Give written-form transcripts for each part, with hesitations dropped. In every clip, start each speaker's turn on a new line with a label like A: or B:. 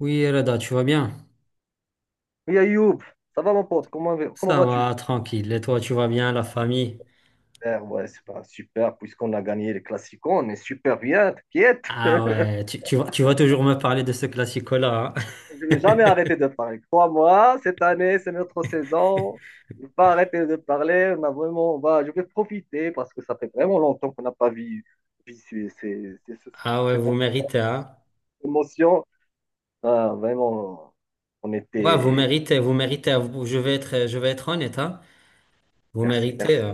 A: Oui, Reda, tu vas bien?
B: Oui, Ayoub, ça va mon pote, comment
A: Ça
B: vas-tu?
A: va, tranquille. Et toi, tu vas bien, la famille?
B: Super, ouais, c'est pas super, puisqu'on a gagné les classiques, on est super bien, t'inquiète.
A: Ah ouais, tu vas toujours me parler de ce classico-là,
B: Je
A: hein.
B: vais jamais arrêter de parler. Crois-moi, cette année, c'est notre saison. Je vais pas arrêter de parler, on a vraiment, je vais profiter parce que ça fait vraiment longtemps qu'on n'a pas vu ces, ces, ces- ces-
A: Ah ouais,
B: ces
A: vous méritez, hein?
B: émotions. Ah, vraiment, on
A: Ouais, vous
B: était.
A: méritez, vous méritez. Je vais être honnête, hein? Vous
B: Merci,
A: méritez.
B: merci.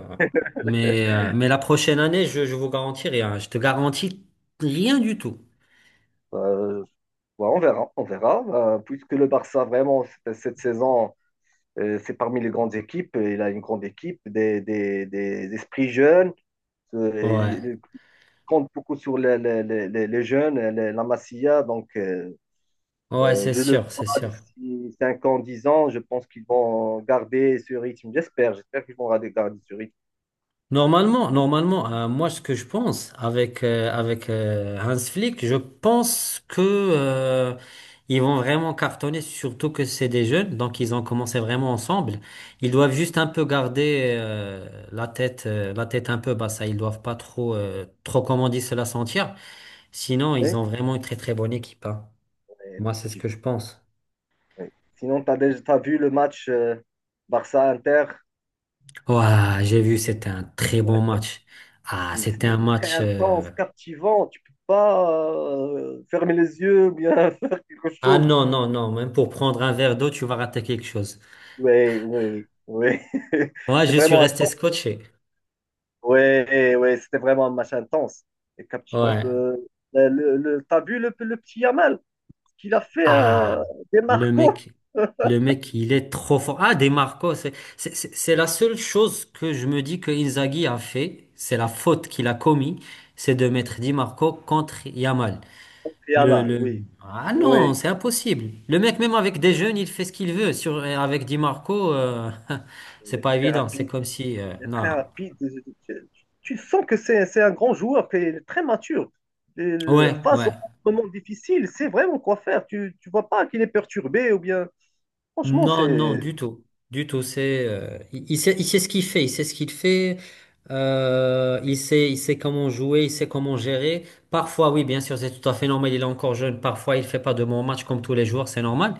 A: Mais la prochaine année, je vous garantis rien. Je te garantis rien du tout.
B: Euh, ouais, on verra, on verra. Puisque le Barça, vraiment, cette saison. C'est parmi les grandes équipes. Il a une grande équipe, des esprits jeunes. Euh,
A: Ouais,
B: il compte beaucoup sur les jeunes, la Masia. Donc,
A: ouais, c'est
B: je le
A: sûr, c'est
B: vois
A: sûr.
B: d'ici 5 ans, 10 ans. Je pense qu'ils vont garder ce rythme. J'espère qu'ils vont garder ce rythme.
A: Normalement, normalement, moi ce que je pense avec Hans Flick, je pense que ils vont vraiment cartonner, surtout que c'est des jeunes, donc ils ont commencé vraiment ensemble. Ils doivent juste un peu garder la tête un peu basse, hein. Ils doivent pas trop trop comme on dit se la sentir. Sinon, ils
B: Oui,
A: ont vraiment une très très bonne équipe, hein. Moi, c'est ce que je
B: effectivement,
A: pense.
B: oui. Sinon, tu as déjà t'as vu le match Barça-Inter.
A: Ouah, j'ai vu, c'était un très bon match. Ah,
B: Oui,
A: c'était un
B: c'était très
A: match.
B: intense, captivant. Tu peux pas fermer les yeux, ou bien faire quelque
A: Ah
B: chose.
A: non, non, non, même pour prendre un verre d'eau, tu vas rater quelque chose.
B: Oui, oui, oui.
A: Ouais,
B: C'est
A: je suis
B: vraiment
A: resté
B: intense.
A: scotché.
B: Oui, oui, c'était vraiment un match intense et captivant. Peu.
A: Ouais.
B: T'as vu le petit Yamal? Ce qu'il a fait
A: Ah,
B: des
A: le
B: Marcos?
A: mec, le mec, il est trop fort. Ah, Des Marcos, c'est c'est la seule chose que je me dis que Inzaghi a fait, c'est la faute qu'il a commis, c'est de mettre Di Marco contre Yamal.
B: Yamal,
A: Le...
B: oui.
A: Ah non,
B: Oui,
A: c'est impossible. Le mec, même avec des jeunes, il fait ce qu'il veut. Sur, avec Di Marco, c'est
B: il est
A: pas
B: très
A: évident. C'est
B: rapide.
A: comme si...
B: Il est très
A: non.
B: rapide. Tu, tu sens que c'est un grand joueur, qu'il est très mature. Et
A: Ouais,
B: face aux
A: ouais.
B: moments difficiles, c'est vraiment quoi faire. Tu ne vois pas qu'il est perturbé ou bien. Franchement,
A: Non, non,
B: c'est.
A: du tout. Du tout. C'est, il sait ce qu'il fait. Il sait ce qu'il fait. Il sait comment jouer. Il sait comment gérer. Parfois, oui, bien sûr, c'est tout à fait normal. Il est encore jeune. Parfois, il fait pas de bons matchs comme tous les joueurs. C'est normal.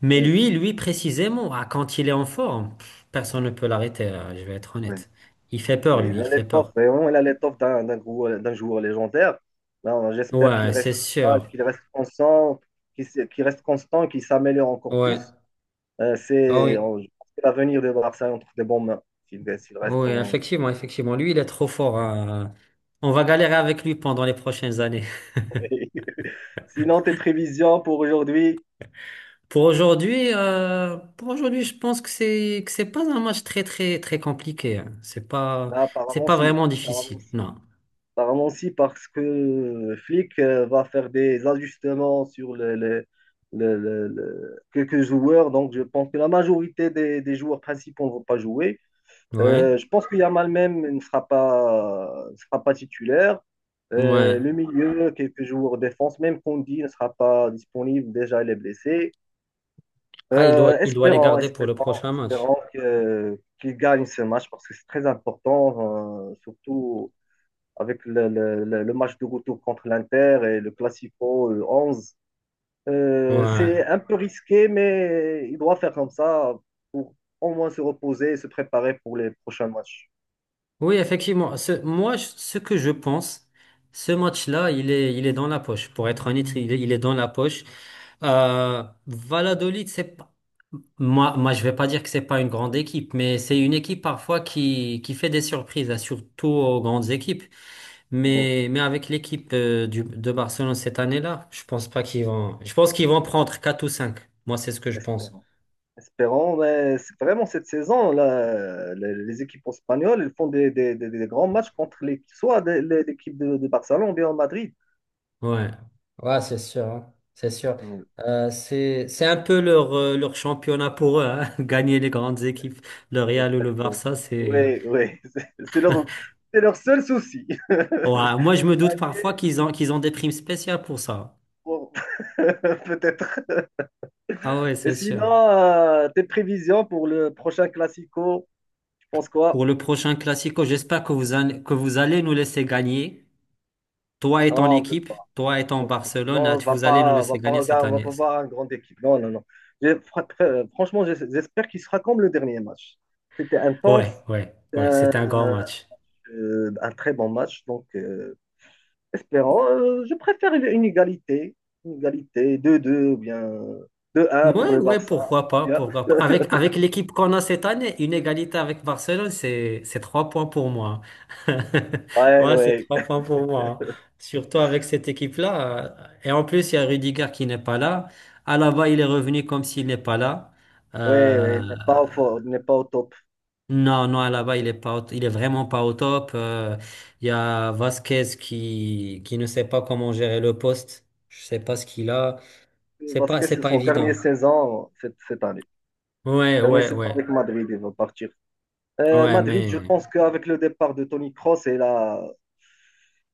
A: Mais lui, précisément, ah, quand il est en forme, pff, personne ne peut l'arrêter. Là, je vais être
B: Oui,
A: honnête. Il fait peur,
B: oui,
A: lui.
B: il
A: Il
B: a
A: fait
B: l'étoffe,
A: peur.
B: vraiment, il a l'étoffe d'un joueur légendaire. Là, j'espère
A: Ouais, c'est sûr.
B: qu'il reste constant, qu'il reste constant, qu'il s'améliore encore
A: Ouais.
B: plus. Euh,
A: Ah
B: c'est
A: oui.
B: on- je pense que l'avenir de Barça est entre de bonnes mains, s'il reste
A: Oui,
B: en...
A: effectivement, effectivement. Lui, il est trop fort, hein. On va galérer avec lui pendant les prochaines années.
B: Sinon, tes prévisions pour aujourd'hui,
A: Pour aujourd'hui, je pense que c'est pas un match très très très compliqué, hein. C'est pas
B: là,
A: c'est pas vraiment difficile. Non.
B: apparemment, si, parce que le Flick va faire des ajustements sur quelques joueurs. Donc, je pense que la majorité des joueurs principaux ne vont pas jouer.
A: Ouais.
B: Je pense que Yamal même ne sera pas titulaire.
A: Ouais.
B: Le milieu, quelques joueurs défense, même Kondi ne sera pas disponible. Déjà, il est blessé.
A: Ah, il doit
B: Euh,
A: il doit les
B: espérons,
A: garder pour le
B: espérons,
A: prochain match.
B: espérons qu'il gagne ce match parce que c'est très important, surtout avec le match de retour contre l'Inter et le Classico le 11. Euh,
A: Ouais.
B: c'est un peu risqué, mais il doit faire comme ça pour au moins se reposer et se préparer pour les prochains matchs.
A: Oui, effectivement. Ce que je pense, ce match-là, il est dans la poche. Pour être honnête, il est dans la poche. Valladolid, c'est pas- moi, je vais pas dire que c'est pas une grande équipe, mais c'est une équipe parfois qui fait des surprises, hein, surtout aux grandes équipes.
B: Oui,
A: Mais avec l'équipe de Barcelone cette année-là, je pense pas qu'ils vont. Je pense qu'ils vont prendre 4 ou 5. Moi, c'est ce que je pense.
B: espérons. Espérons, mais c'est vraiment cette saison, là, les équipes espagnoles, elles font des grands matchs contre les, soit des- les- l'équipe de Barcelone ou bien Madrid.
A: Ouais. Ouais, c'est sûr, hein. C'est sûr.
B: Oui,
A: C'est un peu leur, leur championnat pour eux, hein. Gagner les grandes équipes, le Real ou le
B: exactement.
A: Barça, c'est.
B: Oui, oui, c'est leur seul souci.
A: Ouais, moi, je me doute parfois qu'ils ont des primes spéciales pour ça.
B: Pour- Peut-être.
A: Ah ouais,
B: Et
A: c'est sûr.
B: sinon, tes prévisions pour le prochain Classico, tu penses quoi?
A: Pour le prochain Classico, j'espère que vous allez nous laisser gagner. Toi et
B: Ah,
A: ton
B: on peut
A: équipe,
B: pas.
A: toi et ton
B: Non,
A: Barcelone, ah, vous allez nous
B: on
A: laisser
B: va pas
A: gagner cette
B: regarder, on va
A: année.
B: pas
A: C'est-
B: voir une grande équipe. Non, non, non. Franchement, j'espère qu'il sera comme le dernier match. C'était intense,
A: Ouais, ouais, ouais,
B: euh,
A: c'était un grand match.
B: un très bon match. Donc, espérons. Je préfère une égalité, une égalité, 2-2 ou bien 2-1 pour
A: Ouais,
B: le
A: ouais,
B: Barça. Ça
A: pourquoi
B: sera
A: pas,
B: bien.
A: pourquoi pas. Avec l'équipe qu'on a cette année, une égalité avec Barcelone, c'est trois points pour moi.
B: Ouais,
A: Ouais, c'est
B: ouais,
A: trois points pour moi. Surtout avec cette équipe-là. Et en plus, il y a Rudiger qui n'est pas là. Alaba, il est revenu comme s'il n'est pas là.
B: ouais, ouais.
A: Euh,
B: Il n'est pas au top.
A: Non, non, là-bas, il est vraiment pas au top. Il y a Vasquez qui ne sait pas comment gérer le poste. Je sais pas ce qu'il a.
B: Vasquez,
A: C'est
B: c'est
A: pas
B: son dernier
A: évident.
B: saison cette année.
A: Ouais,
B: Dernier
A: ouais,
B: saison
A: ouais.
B: avec Madrid, il va partir.
A: Ouais,
B: Madrid, je
A: mais,
B: pense qu'avec le départ de Toni Kroos, et là,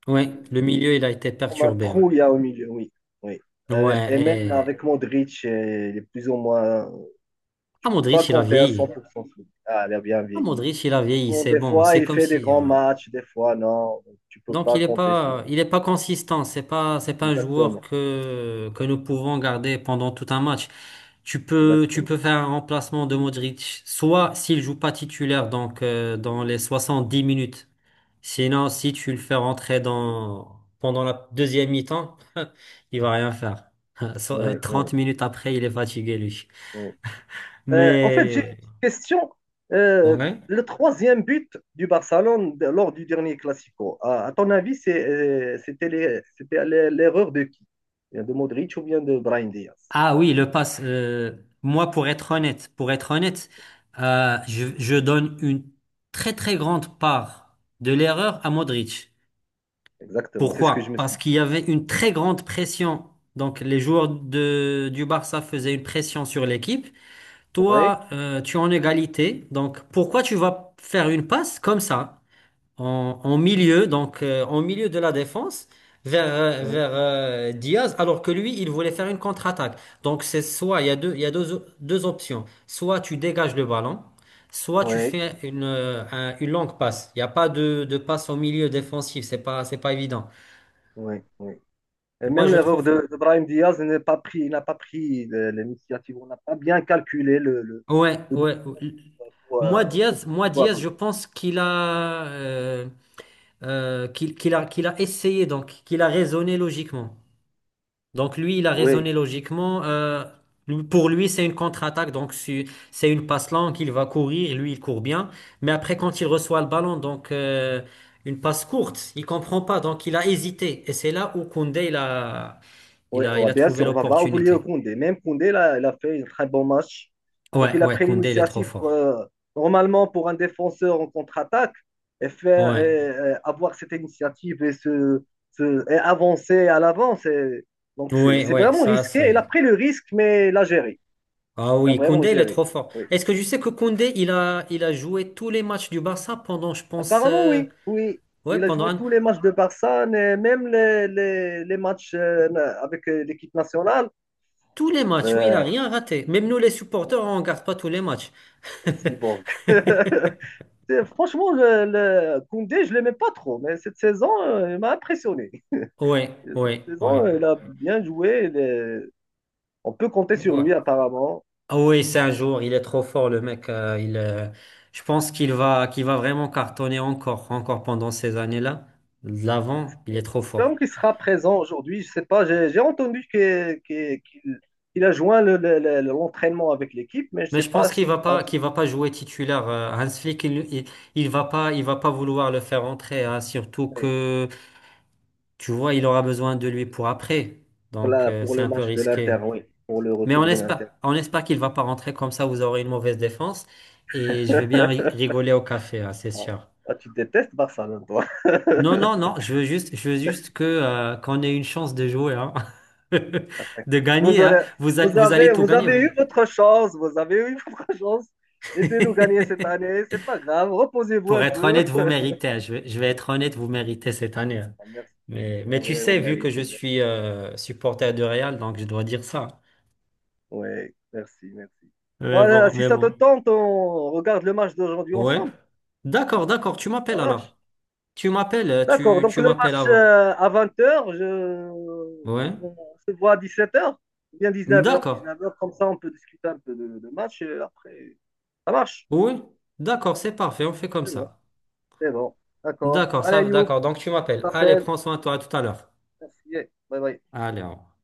A: ouais, le milieu, il a été
B: comme un
A: perturbé, hein.
B: trou, il y a au milieu, oui. oui.
A: Ouais,
B: Et même
A: et,
B: avec Modric, il est plus ou moins.
A: ah,
B: Tu peux pas
A: Modric, il a
B: compter à cent
A: vieilli.
B: pour cent. Ah, il a bien
A: Ah,
B: vieilli.
A: Modric, il a vieilli,
B: Bon,
A: c'est
B: des
A: bon.
B: fois,
A: C'est
B: il
A: comme
B: fait des
A: si,
B: grands matchs, des fois, non. Tu peux
A: donc
B: pas compter sur lui.
A: il est pas consistant. C'est pas un joueur
B: Exactement.
A: que nous pouvons garder pendant tout un match. Tu
B: Exactement.
A: peux faire un remplacement de Modric, soit s'il joue pas titulaire, donc dans les 70 minutes. Sinon, si tu le fais rentrer dans pendant la deuxième mi-temps, il va rien faire.
B: Oui, oui,
A: 30 minutes après, il est fatigué lui.
B: oui. En fait, j'ai une
A: Mais
B: petite question. Euh,
A: ouais.
B: le troisième but du Barcelone lors du dernier Classico, à ton avis, c'était l'erreur de qui? Bien de Modric ou bien de Brahim Diaz?
A: Ah oui, le pass. Pour être honnête, je donne une très très grande part de l'erreur à Modric.
B: Exactement, c'est ce que je
A: Pourquoi?
B: me suis
A: Parce
B: dit.
A: qu'il y avait une très grande pression. Donc, les joueurs de, du Barça faisaient une pression sur l'équipe.
B: Oui,
A: Toi, tu es en égalité. Donc, pourquoi tu vas faire une passe comme ça? En milieu, donc en milieu de la défense,
B: oui,
A: vers Diaz, alors que lui, il voulait faire une contre-attaque. Donc c'est soit, il y a deux, deux options. Soit tu dégages le ballon, soit tu
B: oui,
A: fais une, une longue passe. Il n'y a pas de, de passe au milieu défensif, c'est pas évident.
B: oui, oui. Et
A: Moi,
B: même
A: je
B: l'erreur
A: trouve...
B: de Brahim Diaz n'a pas pris, il n'a pas pris l'initiative, on n'a pas bien calculé le, le,
A: Ouais,
B: le bon
A: ouais.
B: pour, euh, pour
A: Moi,
B: pouvoir-
A: Diaz, je pense qu'il a, qu'il a, qu'il a essayé, donc qu'il a raisonné logiquement. Donc lui, il a
B: Oui,
A: raisonné logiquement. Lui- pour lui, c'est une contre-attaque, donc c'est une passe longue, il va courir, lui, il court bien. Mais après, quand il reçoit le ballon, donc une passe courte, il comprend pas, donc il a hésité. Et c'est là où Koundé,
B: oui,
A: il
B: ouais,
A: a
B: bien
A: trouvé
B: sûr, on va pas oublier
A: l'opportunité.
B: Koundé. Même Koundé, là, il a fait un très bon match. Donc,
A: Ouais,
B: il a
A: ouais,
B: pris
A: Koundé, il est trop
B: l'initiative.
A: fort.
B: Quoi. Normalement, pour un défenseur en contre-attaque, et faire,
A: Ouais,
B: et avoir cette initiative et avancer à l'avant, c'est, donc c'est
A: ouais,
B: c'est
A: ouais,
B: vraiment
A: ça
B: risqué. Il a
A: c'est.
B: pris le risque, mais il a géré.
A: Ah
B: Il a
A: oui,
B: vraiment
A: Koundé, il est
B: géré.
A: trop fort.
B: Oui.
A: Est-ce que je sais que Koundé, il a joué tous les matchs du Barça pendant, je pense,
B: Apparemment, oui. Oui. Il
A: ouais,
B: a
A: pendant
B: joué
A: un
B: tous les matchs de Barça, et même les matchs avec l'équipe nationale.
A: Tous les matchs, oui, il a
B: Euh,
A: rien raté. Même nous, les supporters, on regarde pas tous les matchs.
B: merci, Borg. Franchement, le Koundé, je ne l'aimais pas trop, mais cette saison, il m'a impressionné.
A: Ouais,
B: Cette
A: ouais, ouais,
B: saison, il a bien joué. Il est- On peut compter sur
A: ouais.
B: lui, apparemment.
A: Ah oui, c'est un jour, il est trop fort, le mec. Je pense qu'il va vraiment cartonner encore, encore pendant ces années-là. De l'avant, il est trop
B: Comme
A: fort.
B: qu'il sera présent aujourd'hui, je ne sais pas, j'ai entendu qu'il a joint l'entraînement avec l'équipe, mais je ne
A: Mais
B: sais
A: je
B: pas
A: pense
B: s'il sera
A: qu'il va pas jouer titulaire. Hans Flick, il va pas vouloir le faire entrer, hein, surtout
B: titulaire
A: que, tu vois, il aura besoin de lui pour après.
B: pour,
A: Donc,
B: la- pour
A: c'est
B: le
A: un peu
B: match de l'Inter,
A: risqué.
B: oui, pour le
A: Mais
B: retour de l'Inter.
A: on espère qu'il va pas rentrer comme ça, vous aurez une mauvaise défense et je vais bien rigoler au café, hein, c'est sûr.
B: Ah, tu détestes Barcelone, toi.
A: Non, non, non, je veux juste que qu'on ait une chance de jouer, hein. De
B: Vous
A: gagner, hein.
B: aurez- vous
A: Vous allez
B: avez,
A: tout
B: vous
A: gagner,
B: avez eu
A: vous.
B: votre chance, vous avez eu votre chance. Laissez-nous gagner cette année, c'est pas grave, reposez-vous
A: Pour
B: un
A: être
B: peu.
A: honnête, vous méritez, hein. Je vais être honnête, vous méritez cette année, hein.
B: Ah, merci.
A: Mais
B: Ah
A: tu
B: oui, on
A: sais, vu
B: mérite,
A: que je
B: on mérite.
A: suis supporter de Real, donc je dois dire ça.
B: Oui, merci, merci.
A: Mais
B: Voilà,
A: bon,
B: si
A: mais
B: ça te
A: bon.
B: tente, on regarde le match d'aujourd'hui
A: Ouais.
B: ensemble.
A: D'accord, d'accord. Tu
B: Ça
A: m'appelles
B: marche?
A: alors. Tu m'appelles,
B: D'accord, donc
A: tu
B: le
A: m'appelles
B: match
A: avant.
B: à 20h, je...
A: Ouais.
B: on se voit à 17h ou bien dix-neuf heures,
A: D'accord.
B: dix-neuf heures comme ça on peut discuter un peu de match et après, ça marche.
A: Oui. D'accord, c'est parfait. On fait comme
B: C'est bon,
A: ça.
B: c'est bon. D'accord. Allez, You.
A: D'accord. Donc tu m'appelles. Allez,
B: T'appelle.
A: prends soin de toi. À tout à l'heure.
B: Merci. Bye bye.
A: Allez, au revoir.